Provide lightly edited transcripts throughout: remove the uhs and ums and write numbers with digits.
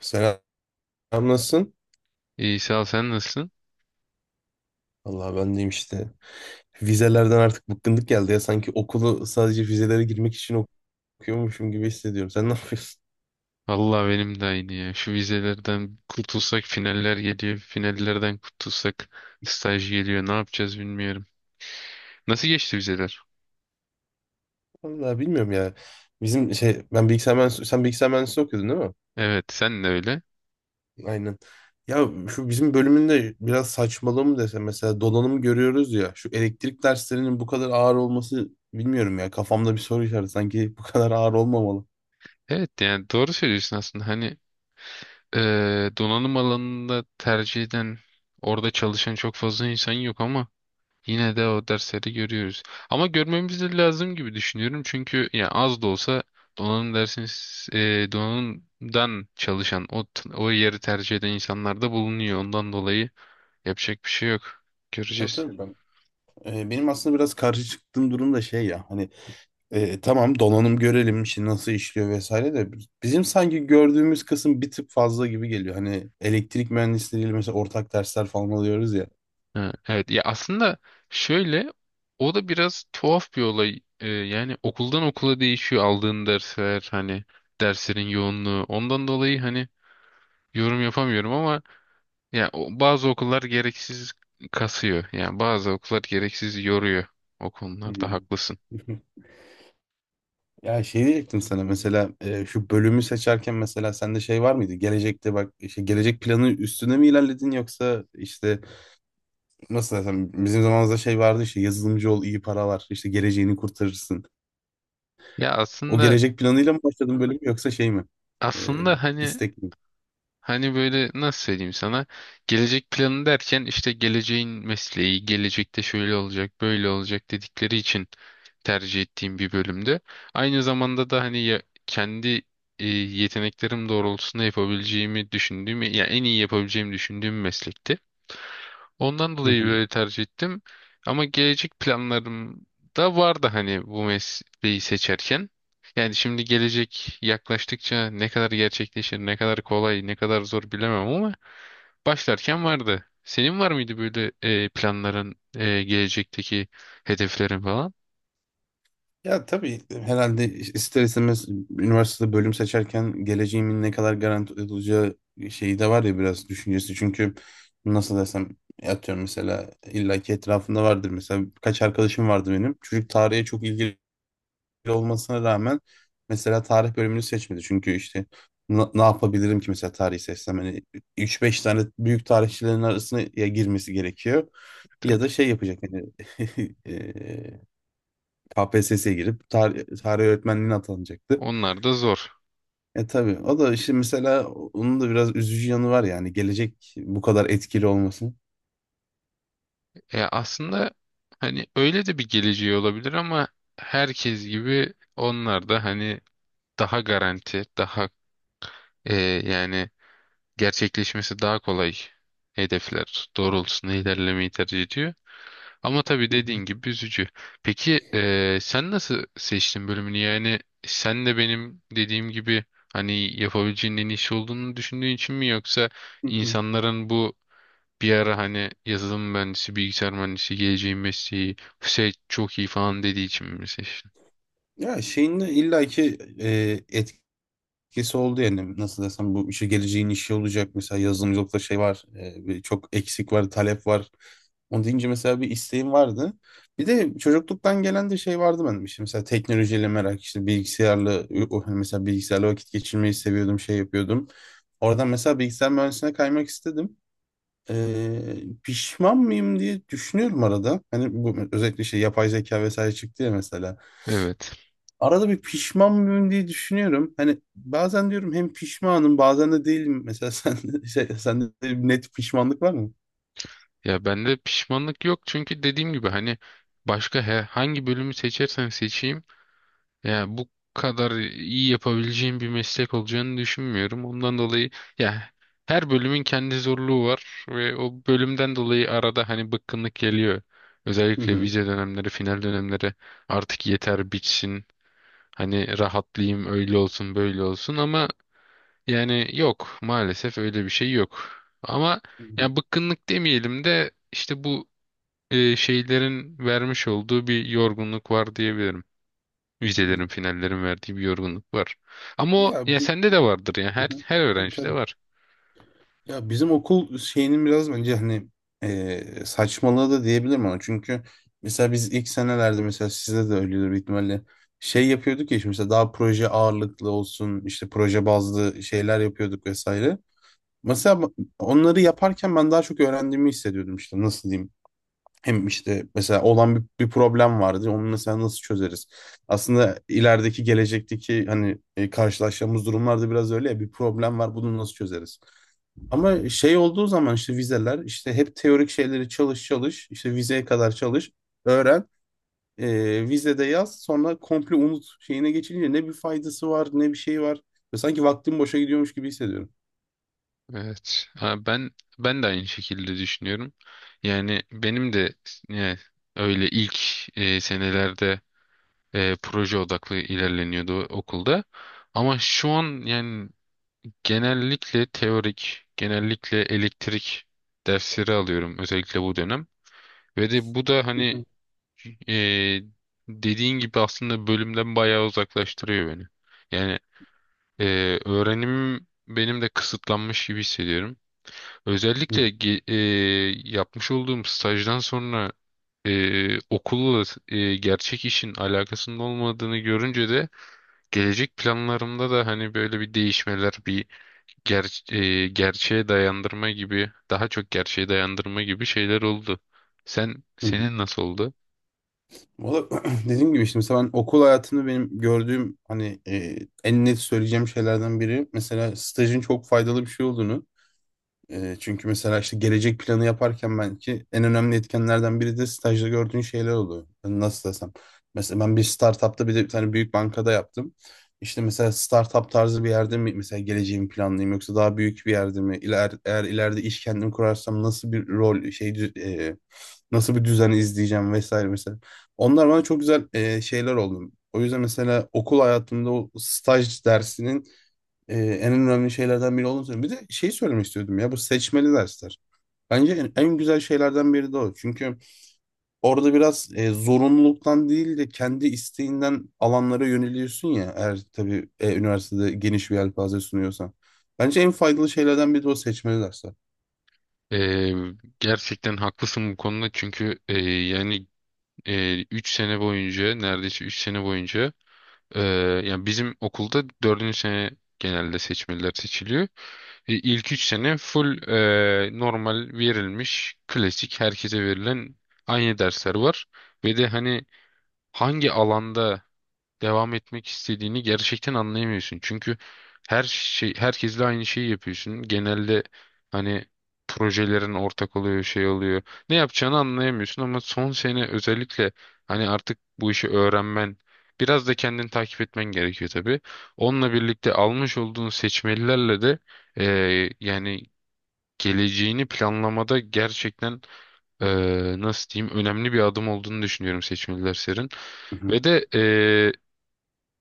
Selam, nasılsın? İyi sağ ol, sen nasılsın? Allah ben deyim işte. Vizelerden artık bıkkınlık geldi ya. Sanki okulu sadece vizelere girmek için okuyormuşum gibi hissediyorum. Sen ne yapıyorsun? Vallahi benim de aynı ya. Şu vizelerden kurtulsak finaller geliyor. Finallerden kurtulsak staj geliyor. Ne yapacağız bilmiyorum. Nasıl geçti vizeler? Vallahi bilmiyorum ya. Bizim ben bilgisayar mühendisliği, sen bilgisayar mühendisliği okuyordun değil mi? Evet, sen de öyle. Aynen. Ya şu bizim bölümünde biraz saçmalığı mı desem, mesela donanım görüyoruz ya. Şu elektrik derslerinin bu kadar ağır olması bilmiyorum ya. Kafamda bir soru işareti, sanki bu kadar ağır olmamalı. Evet, yani doğru söylüyorsun aslında. Hani donanım alanında tercih eden, orada çalışan çok fazla insan yok ama yine de o dersleri görüyoruz. Ama görmemiz de lazım gibi düşünüyorum. Çünkü yani az da olsa donanım dersin donanımdan çalışan, o yeri tercih eden insanlar da bulunuyor. Ondan dolayı yapacak bir şey yok. Tabii Göreceğiz. tabii ben. Benim aslında biraz karşı çıktığım durum da şey ya. Hani tamam donanım görelim işi nasıl işliyor vesaire de bizim sanki gördüğümüz kısım bir tık fazla gibi geliyor. Hani elektrik mühendisleriyle mesela ortak dersler falan alıyoruz ya. Ha, evet ya, aslında şöyle, o da biraz tuhaf bir olay. Yani okuldan okula değişiyor aldığın dersler, hani derslerin yoğunluğu. Ondan dolayı hani yorum yapamıyorum ama ya bazı okullar gereksiz kasıyor. Yani bazı okullar gereksiz yoruyor. O konularda Hmm. haklısın. Ya şey diyecektim sana mesela, şu bölümü seçerken mesela sende şey var mıydı? Gelecekte bak işte, gelecek planı üstüne mi ilerledin yoksa işte nasıl desem, bizim zamanımızda şey vardı işte, yazılımcı ol iyi para var işte geleceğini kurtarırsın. Ya O aslında, gelecek planıyla mı başladın bölüm, yoksa şey mi? Ee, aslında hani istek mi? hani böyle nasıl söyleyeyim sana, gelecek planı derken işte geleceğin mesleği, gelecekte şöyle olacak, böyle olacak dedikleri için tercih ettiğim bir bölümde. Aynı zamanda da hani ya, kendi yeteneklerim doğrultusunda yapabileceğimi düşündüğüm, ya en iyi yapabileceğimi düşündüğüm meslekti. Ondan Hı dolayı hı. böyle tercih ettim. Ama gelecek planlarım da vardı hani bu mesleği seçerken. Yani şimdi gelecek yaklaştıkça ne kadar gerçekleşir, ne kadar kolay, ne kadar zor bilemem ama başlarken vardı. Senin var mıydı böyle planların, gelecekteki hedeflerin falan? Ya tabii herhalde ister istemez üniversitede bölüm seçerken geleceğimin ne kadar garanti olacağı şeyi de var ya, biraz düşüncesi. Çünkü nasıl desem, atıyorum mesela illaki etrafında vardır. Mesela kaç arkadaşım vardı benim. Çocuk tarihe çok ilgili olmasına rağmen mesela tarih bölümünü seçmedi. Çünkü işte ne yapabilirim ki mesela tarihi seçsem? Hani 3-5 tane büyük tarihçilerin arasına ya girmesi gerekiyor ya Tabii. da şey yapacak hani eee, KPSS'ye girip tarih, tarih öğretmenliğine atanacaktı. Onlar da zor. E tabii o da işte mesela onun da biraz üzücü yanı var, yani gelecek bu kadar etkili olmasın. Aslında hani öyle de bir geleceği olabilir ama herkes gibi onlar da hani daha garanti, daha e, yani gerçekleşmesi daha kolay hedefler doğrultusunda ilerlemeyi tercih ediyor. Ama tabii Hı hı, dediğin gibi üzücü. Peki sen nasıl seçtin bölümünü? Yani sen de benim dediğim gibi hani yapabileceğin en iyi iyisi olduğunu düşündüğün için mi, yoksa hı hı. insanların bu bir ara hani yazılım mühendisi, bilgisayar mühendisi, geleceğin mesleği, şey çok iyi falan dediği için mi seçtin? Ya şeyin de illaki e, etkisi oldu, yani nasıl desem, bu işe geleceğin işi olacak mesela, yazılımcılıkta şey var, bir çok eksik var talep var, onu deyince mesela bir isteğim vardı, bir de çocukluktan gelen de şey vardı benim, işte mesela teknolojiyle merak işte bilgisayarla hani mesela bilgisayarla vakit geçirmeyi seviyordum, şey yapıyordum, oradan mesela bilgisayar mühendisliğine kaymak istedim. E, Pişman mıyım diye düşünüyorum arada, hani bu özellikle şey yapay zeka vesaire çıktı ya mesela. Evet. Arada bir pişman mıyım diye düşünüyorum. Hani bazen diyorum hem pişmanım, bazen de değilim. Mesela sen şey, sende de bir net pişmanlık var mı? Ya bende pişmanlık yok, çünkü dediğim gibi hani başka hangi bölümü seçersem seçeyim, ya bu kadar iyi yapabileceğim bir meslek olacağını düşünmüyorum. Ondan dolayı ya, her bölümün kendi zorluğu var ve o bölümden dolayı arada hani bıkkınlık geliyor. Hı Özellikle hı. vize dönemleri, final dönemleri, artık yeter bitsin. Hani rahatlayayım öyle olsun böyle olsun, ama yani yok maalesef öyle bir şey yok. Ama Hı hı. ya, bıkkınlık demeyelim de işte bu şeylerin vermiş olduğu bir yorgunluk var diyebilirim. Hı. Vizelerin, finallerin verdiği bir yorgunluk var. Ama o, Ya ya biz, sende de vardır ya. hı Her hı. her Tabii öğrencide tabii. var. Ya bizim okul şeyinin biraz bence hani saçmalığı da diyebilirim ona. Çünkü mesela biz ilk senelerde, mesela sizde de öyledir büyük ihtimalle, şey yapıyorduk ya işte, mesela daha proje ağırlıklı olsun, işte proje bazlı şeyler yapıyorduk vesaire. Mesela onları yaparken ben daha çok öğrendiğimi hissediyordum, işte nasıl diyeyim. Hem işte mesela olan bir problem vardı. Onu mesela nasıl çözeriz? Aslında ilerideki gelecekteki hani karşılaşacağımız durumlarda biraz öyle ya, bir problem var bunu nasıl çözeriz? Ama şey olduğu zaman işte vizeler, işte hep teorik şeyleri çalış çalış işte vizeye kadar çalış, öğren, vizede yaz, sonra komple unut, şeyine geçince ne bir faydası var ne bir şey var. Ve sanki vaktim boşa gidiyormuş gibi hissediyorum. Evet. Ha, ben de aynı şekilde düşünüyorum. Yani benim de yani öyle ilk senelerde proje odaklı ilerleniyordu okulda. Ama şu an yani genellikle teorik, genellikle elektrik dersleri alıyorum özellikle bu dönem. Ve de bu da Hı hani hı. Ee, dediğin gibi aslında bölümden bayağı uzaklaştırıyor beni. Yani e, öğrenimim benim de kısıtlanmış gibi hissediyorum. Hı Özellikle yapmış olduğum stajdan sonra okulla gerçek işin alakasının olmadığını görünce de gelecek planlarımda da hani böyle bir değişmeler, bir gerçeğe dayandırma gibi, daha çok gerçeğe dayandırma gibi şeyler oldu. Sen hı. senin nasıl oldu? Valla dediğim gibi işte, mesela ben okul hayatını benim gördüğüm hani en net söyleyeceğim şeylerden biri mesela stajın çok faydalı bir şey olduğunu, çünkü mesela işte gelecek planı yaparken belki en önemli etkenlerden biri de stajda gördüğün şeyler oluyor. Yani nasıl desem. Mesela ben bir startupta bir de bir tane büyük bankada yaptım. İşte mesela startup tarzı bir yerde mi mesela geleceğimi planlayayım yoksa daha büyük bir yerde mi? Eğer ileride iş kendim kurarsam nasıl bir rol şey nasıl bir düzen izleyeceğim vesaire mesela. Onlar bana çok güzel şeyler oldu. O yüzden mesela okul hayatımda o staj dersinin en önemli şeylerden biri olduğunu söylüyorum. Bir de şeyi söylemek istiyordum ya, bu seçmeli dersler. Bence en güzel şeylerden biri de o. Çünkü orada biraz zorunluluktan değil de kendi isteğinden alanlara yöneliyorsun ya. Eğer tabii üniversitede geniş bir yelpaze sunuyorsan. Bence en faydalı şeylerden biri de o seçmeli dersler. Ee, Gerçekten haklısın bu konuda, çünkü yani 3 sene boyunca, neredeyse 3 sene boyunca e, yani bizim okulda dördüncü sene genelde seçmeliler seçiliyor. İlk 3 sene full normal verilmiş klasik herkese verilen aynı dersler var. Ve de hani hangi alanda devam etmek istediğini gerçekten anlayamıyorsun. Çünkü her şey herkesle aynı şeyi yapıyorsun. Genelde hani projelerin ortak oluyor, şey oluyor. Ne yapacağını anlayamıyorsun ama son sene özellikle hani artık bu işi öğrenmen, biraz da kendini takip etmen gerekiyor tabii. Onunla birlikte almış olduğun seçmelilerle de yani geleceğini planlamada gerçekten nasıl diyeyim önemli bir adım olduğunu düşünüyorum seçmeliler serin. Hı hı. Ve de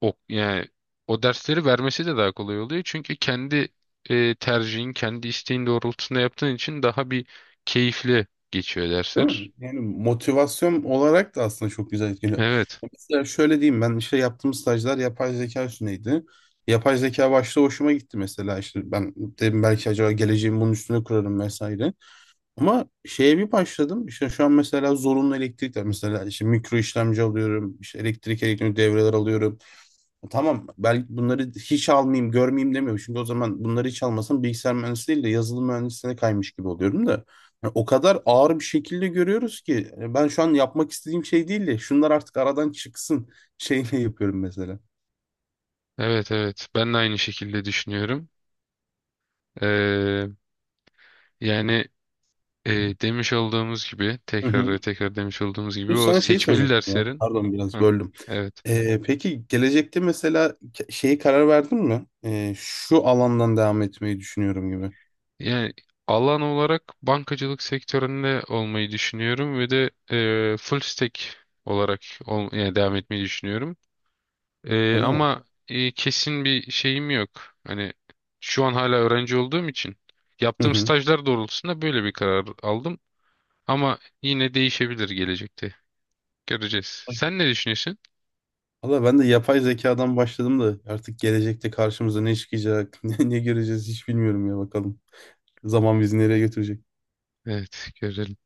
yani o dersleri vermesi de daha kolay oluyor. Çünkü kendi tercihin, kendi isteğin doğrultusunda yaptığın için daha bir keyifli geçiyor Değil mi? dersler. Yani motivasyon olarak da aslında çok güzel etkiliyor. Evet, Mesela şöyle diyeyim, ben işte yaptığım stajlar yapay zeka üstüneydi. Yapay zeka başta hoşuma gitti, mesela işte ben dedim belki acaba geleceğimi bunun üstüne kurarım vesaire. Ama şeye bir başladım. İşte şu an mesela zorunlu elektrikler. Mesela işte mikro işlemci alıyorum, işte elektrik elektronik devreler alıyorum. Tamam, belki bunları hiç almayayım görmeyeyim demiyorum. Çünkü o zaman bunları hiç almasam bilgisayar mühendisi değil de yazılım mühendisliğine kaymış gibi oluyorum da. Yani o kadar ağır bir şekilde görüyoruz ki, yani ben şu an yapmak istediğim şey değil de şunlar artık aradan çıksın şeyle yapıyorum mesela. evet, evet. Ben de aynı şekilde düşünüyorum. Ee, Yani e, demiş olduğumuz gibi, Hı tekrar hı. ve tekrar demiş olduğumuz gibi Bu o sana şeyi seçmeli soracaktım ya. derslerin. Pardon biraz Hı, böldüm. evet. Peki gelecekte mesela şeyi karar verdin mi? Şu alandan devam etmeyi düşünüyorum gibi. Yani alan olarak bankacılık sektöründe olmayı düşünüyorum ve de full stack olarak yani devam etmeyi düşünüyorum. Öyle mi? Ama kesin bir şeyim yok. Hani şu an hala öğrenci olduğum için Hı yaptığım hı. stajlar doğrultusunda böyle bir karar aldım. Ama yine değişebilir gelecekte. Göreceğiz. Sen ne düşünüyorsun? Valla ben de yapay zekadan başladım da artık gelecekte karşımıza ne çıkacak, ne göreceğiz hiç bilmiyorum ya, bakalım. Zaman bizi nereye götürecek? Evet, görelim.